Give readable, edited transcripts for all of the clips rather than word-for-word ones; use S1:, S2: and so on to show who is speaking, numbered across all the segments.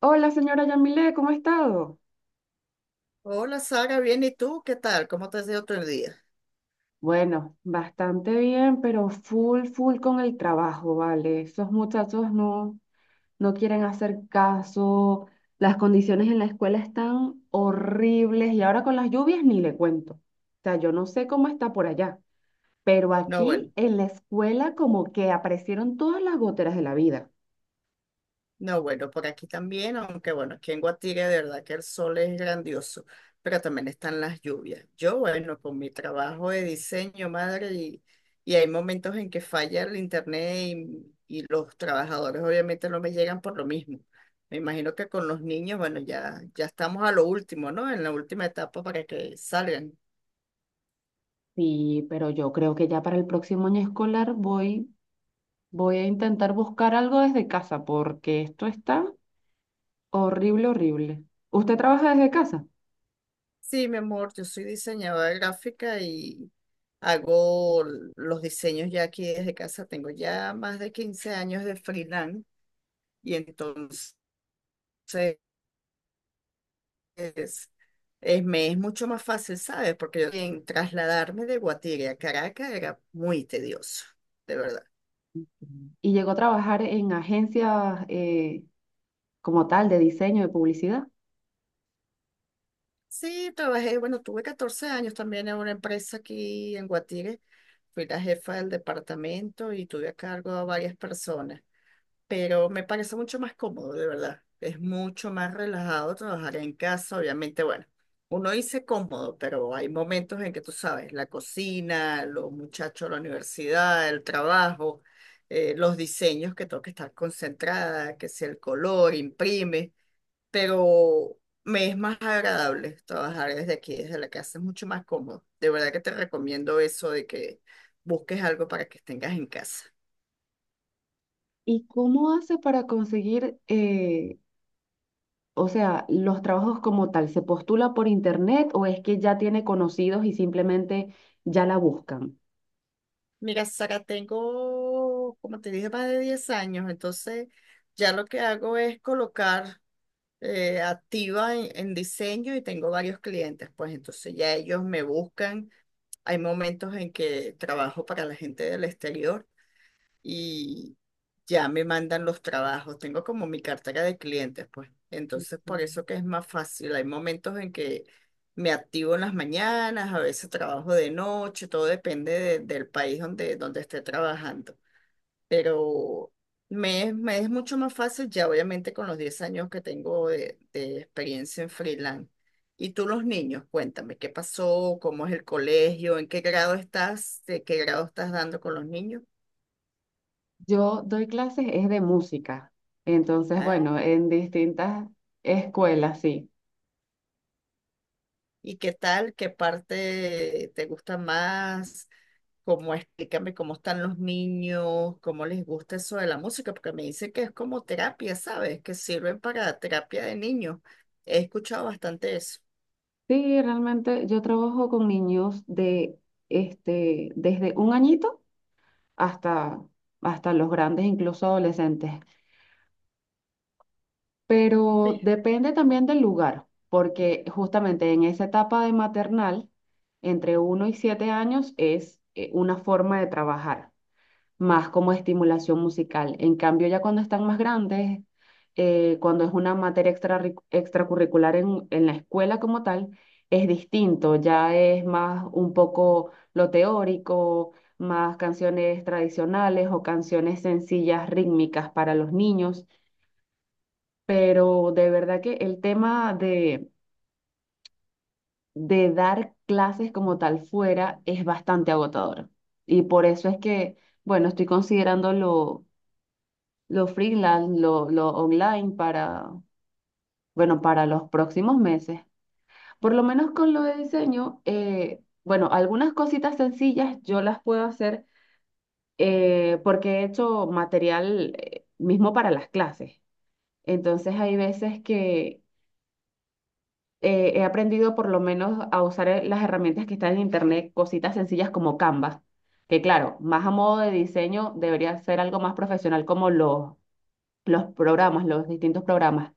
S1: Hola, señora Yamile, ¿cómo ha estado?
S2: Hola Sara, bien, ¿y tú? ¿Qué tal? ¿Cómo te has ido tu día?
S1: Bueno, bastante bien, pero full con el trabajo, ¿vale? Esos muchachos no, quieren hacer caso, las condiciones en la escuela están horribles y ahora con las lluvias ni le cuento. O sea, yo no sé cómo está por allá, pero
S2: No,
S1: aquí
S2: bueno,
S1: en la escuela como que aparecieron todas las goteras de la vida.
S2: no, bueno, por aquí también, aunque bueno, aquí en Guatire de verdad que el sol es grandioso, pero también están las lluvias. Yo, bueno, con mi trabajo de diseño, madre, y hay momentos en que falla el internet y los trabajadores obviamente no me llegan por lo mismo. Me imagino que con los niños, bueno, ya, ya estamos a lo último, ¿no? En la última etapa para que salgan.
S1: Sí, pero yo creo que ya para el próximo año escolar voy a intentar buscar algo desde casa porque esto está... Horrible, horrible. ¿Usted trabaja desde casa?
S2: Sí, mi amor, yo soy diseñadora gráfica y hago los diseños ya aquí desde casa. Tengo ya más de 15 años de freelance y entonces es- me es mucho más fácil, ¿sabes? Porque yo en trasladarme de Guatire a Caracas era muy tedioso, de verdad.
S1: Mm. Y llegó a trabajar en agencias como tal de diseño, de publicidad.
S2: Sí, trabajé, bueno, tuve 14 años también en una empresa aquí en Guatire. Fui la jefa del departamento y tuve a cargo a varias personas. Pero me parece mucho más cómodo, de verdad. Es mucho más relajado trabajar en casa, obviamente, bueno, uno dice cómodo, pero hay momentos en que tú sabes, la cocina, los muchachos, la universidad, el trabajo, los diseños que tengo que estar concentrada, que si el color, imprime, pero me es más agradable trabajar desde aquí, desde la casa, es mucho más cómodo. De verdad que te recomiendo eso de que busques algo para que tengas en casa.
S1: ¿Y cómo hace para conseguir, o sea, los trabajos como tal? ¿Se postula por internet o es que ya tiene conocidos y simplemente ya la buscan?
S2: Mira, Sara, tengo, como te dije, más de 10 años, entonces ya lo que hago es colocar activa en diseño y tengo varios clientes, pues entonces ya ellos me buscan. Hay momentos en que trabajo para la gente del exterior y ya me mandan los trabajos. Tengo como mi cartera de clientes, pues. Entonces, por
S1: Mm.
S2: eso que es más fácil. Hay momentos en que me activo en las mañanas, a veces trabajo de noche, todo depende del país donde, donde esté trabajando. Pero me es mucho más fácil ya, obviamente, con los 10 años que tengo de experiencia en freelance. Y tú los niños, cuéntame, ¿qué pasó? ¿Cómo es el colegio? ¿En qué grado estás? ¿De qué grado estás dando con los niños?
S1: Yo doy clases es de música. Entonces,
S2: Ah,
S1: bueno, en distintas escuelas, sí.
S2: ¿y qué tal? ¿Qué parte te gusta más? ¿Cómo explícame cómo están los niños? ¿Cómo les gusta eso de la música? Porque me dicen que es como terapia, ¿sabes? Que sirven para terapia de niños. He escuchado bastante eso.
S1: Sí, realmente yo trabajo con niños de este desde un añito hasta hasta los grandes, incluso adolescentes. Pero
S2: Sí,
S1: depende también del lugar, porque justamente en esa etapa de maternal, entre uno y 7 años es una forma de trabajar. Más como estimulación musical. En cambio, ya cuando están más grandes, cuando es una materia extra, extracurricular en la escuela como tal, es distinto, ya es más un poco lo teórico, más canciones tradicionales o canciones sencillas rítmicas para los niños, pero de verdad que el tema de dar clases como tal fuera es bastante agotador. Y por eso es que, bueno, estoy considerando lo freelance, lo online para, bueno, para los próximos meses. Por lo menos con lo de diseño, bueno, algunas cositas sencillas yo las puedo hacer porque he hecho material mismo para las clases. Entonces hay veces que he aprendido por lo menos a usar las herramientas que están en internet, cositas sencillas como Canva, que claro, más a modo de diseño debería ser algo más profesional como los programas, los distintos programas.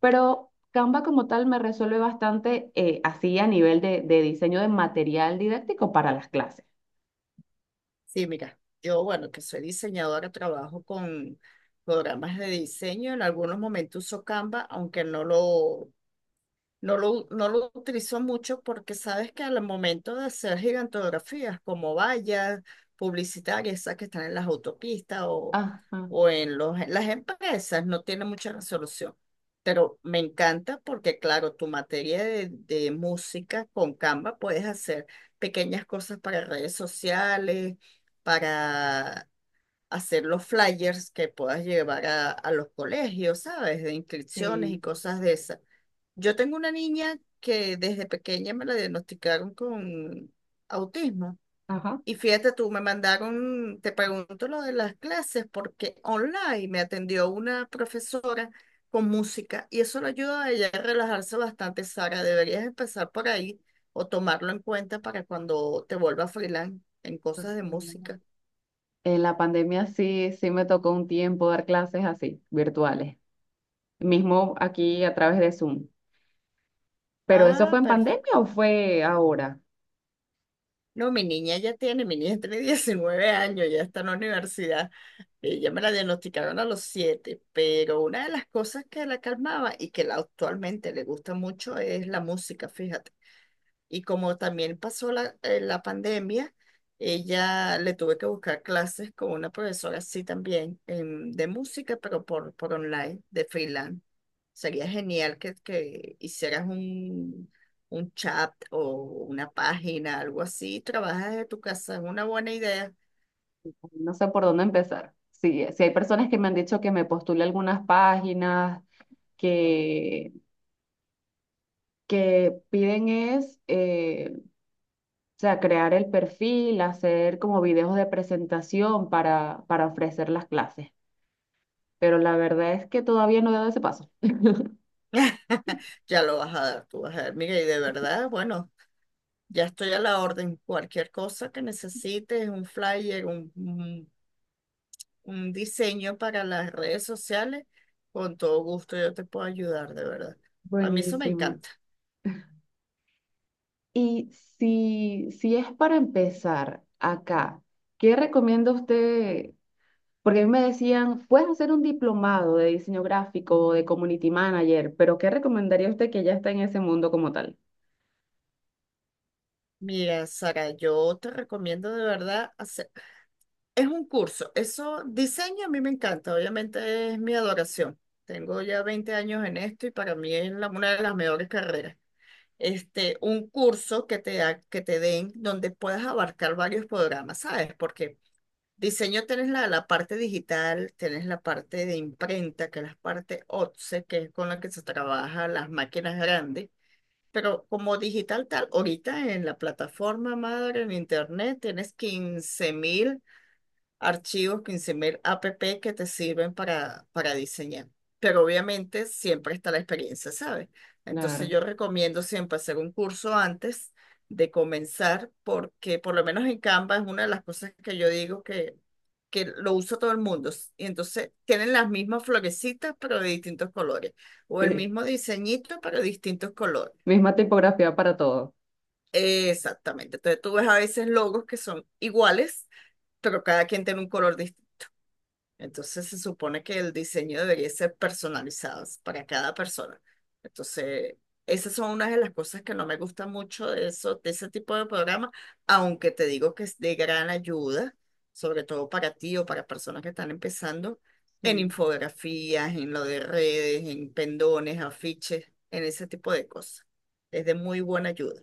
S1: Pero Canva como tal me resuelve bastante así a nivel de diseño de material didáctico para las clases.
S2: sí, mira, yo, bueno, que soy diseñadora, trabajo con programas de diseño. En algunos momentos uso Canva, aunque no lo utilizo mucho porque sabes que al momento de hacer gigantografías como vallas publicitarias, esas que están en las autopistas o,
S1: Ajá,
S2: o en las empresas, no tiene mucha resolución. Pero me encanta porque, claro, tu materia de música con Canva puedes hacer pequeñas cosas para redes sociales, para hacer los flyers que puedas llevar a los colegios, ¿sabes? De inscripciones y
S1: sí,
S2: cosas de esas. Yo tengo una niña que desde pequeña me la diagnosticaron con autismo.
S1: ajá.
S2: Y fíjate tú, me mandaron, te pregunto lo de las clases, porque online me atendió una profesora con música y eso le ayuda a ella a relajarse bastante, Sara. Deberías empezar por ahí o tomarlo en cuenta para cuando te vuelvas freelance en cosas de
S1: En
S2: música.
S1: la pandemia sí, sí me tocó un tiempo dar clases así, virtuales, mismo aquí a través de Zoom. ¿Pero eso
S2: Ah,
S1: fue en
S2: perfecto.
S1: pandemia o fue ahora?
S2: No, mi niña ya tiene, mi niña tiene 19 años, ya está en la universidad. Ella me la diagnosticaron a los 7, pero una de las cosas que la calmaba y que la actualmente le gusta mucho es la música, fíjate. Y como también pasó la pandemia, ella le tuve que buscar clases con una profesora así también de música, pero por online, de freelance. Sería genial que hicieras un chat o una página, algo así. Trabajas de tu casa, es una buena idea.
S1: No sé por dónde empezar. Sí, sí hay personas que me han dicho que me postule algunas páginas que, que piden es, o sea, crear el perfil, hacer como videos de presentación para ofrecer las clases. Pero la verdad es que todavía no he dado ese paso.
S2: Ya lo vas a dar, tú vas a ver. Mira, y de verdad, bueno, ya estoy a la orden. Cualquier cosa que necesites, un flyer, un diseño para las redes sociales, con todo gusto yo te puedo ayudar, de verdad. A mí eso me
S1: Buenísimo.
S2: encanta.
S1: Y si, si es para empezar acá, ¿qué recomienda usted? Porque a mí me decían, puedes hacer un diplomado de diseño gráfico o de community manager, pero ¿qué recomendaría usted que ya está en ese mundo como tal?
S2: Mira, Sara, yo te recomiendo de verdad hacer es un curso. Eso, diseño a mí me encanta, obviamente es mi adoración. Tengo ya 20 años en esto y para mí es una de las mejores carreras. Este, un curso que que te den donde puedas abarcar varios programas, ¿sabes? Porque diseño tienes la parte digital, tienes la parte de imprenta, que es la parte OTSE, que es con la que se trabaja las máquinas grandes. Pero como digital tal, ahorita en la plataforma madre, en internet, tienes 15.000 archivos 15.000 app que te sirven para diseñar. Pero obviamente siempre está la experiencia, ¿sabes? Entonces
S1: Claro.
S2: yo recomiendo siempre hacer un curso antes de comenzar porque por lo menos en Canva es una de las cosas que yo digo que lo usa todo el mundo. Y entonces tienen las mismas florecitas pero de distintos colores o el
S1: Sí,
S2: mismo diseñito pero de distintos colores.
S1: misma tipografía para todo.
S2: Exactamente. Entonces tú ves a veces logos que son iguales, pero cada quien tiene un color distinto. Entonces se supone que el diseño debería ser personalizado para cada persona. Entonces, esas son unas de las cosas que no me gusta mucho de eso, de ese tipo de programas, aunque te digo que es de gran ayuda, sobre todo para ti o para personas que están empezando en
S1: Sí.
S2: infografías, en lo de redes, en pendones, afiches, en ese tipo de cosas. Es de muy buena ayuda.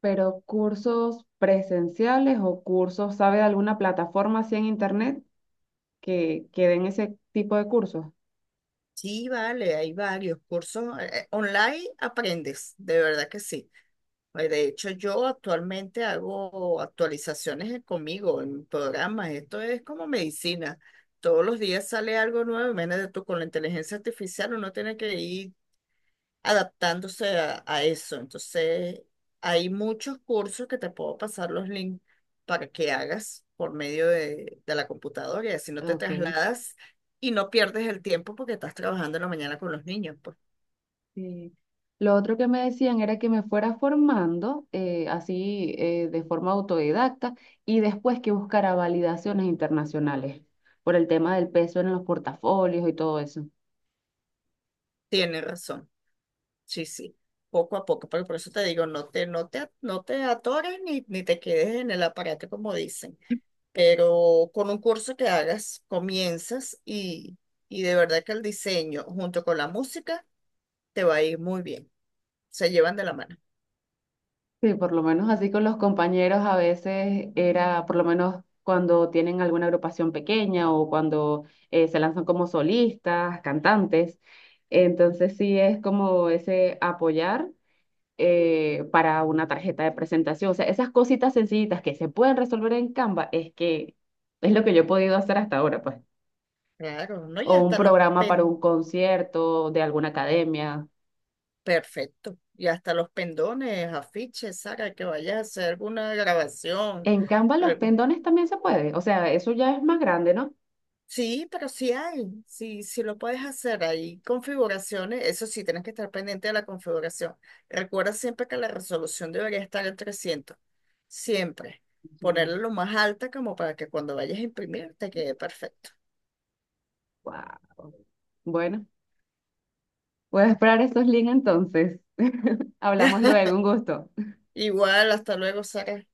S1: Pero cursos presenciales o cursos, ¿sabe de alguna plataforma así en internet que den ese tipo de cursos?
S2: Sí, vale, hay varios cursos online, aprendes, de verdad que sí. Pues, de hecho, yo actualmente hago actualizaciones conmigo en programas. Esto es como medicina. Todos los días sale algo nuevo. Imagínate tú, con la inteligencia artificial uno tiene que ir adaptándose a eso. Entonces, hay muchos cursos que te puedo pasar los links para que hagas por medio de la computadora y así no te
S1: Ok.
S2: trasladas y no pierdes el tiempo porque estás trabajando en la mañana con los niños. Pues
S1: Sí. Lo otro que me decían era que me fuera formando así de forma autodidacta y después que buscara validaciones internacionales por el tema del peso en los portafolios y todo eso.
S2: tienes razón. Sí, sí, poco a poco, pero por eso te digo, no te atores ni te quedes en el aparato, como dicen, pero con un curso que hagas, comienzas y de verdad que el diseño junto con la música te va a ir muy bien, se llevan de la mano.
S1: Sí, por lo menos así con los compañeros a veces era, por lo menos cuando tienen alguna agrupación pequeña o cuando se lanzan como solistas, cantantes. Entonces sí es como ese apoyar para una tarjeta de presentación. O sea, esas cositas sencillitas que se pueden resolver en Canva es que es lo que yo he podido hacer hasta ahora, pues.
S2: Claro, ¿no?
S1: O un programa para un concierto de alguna academia.
S2: Perfecto. Y hasta los pendones, afiches, Sara, que vayas a hacer alguna grabación,
S1: En Canva los
S2: algo.
S1: pendones también se puede. O sea, eso ya es más grande, ¿no?
S2: Sí, pero sí hay, sí, sí lo puedes hacer. Hay configuraciones, eso sí, tienes que estar pendiente de la configuración. Recuerda siempre que la resolución debería estar en 300, siempre. Ponerla lo más alta como para que cuando vayas a imprimir te quede perfecto.
S1: Wow. Bueno, voy a esperar estos links entonces. Hablamos luego, un gusto.
S2: Igual, hasta luego, Sara.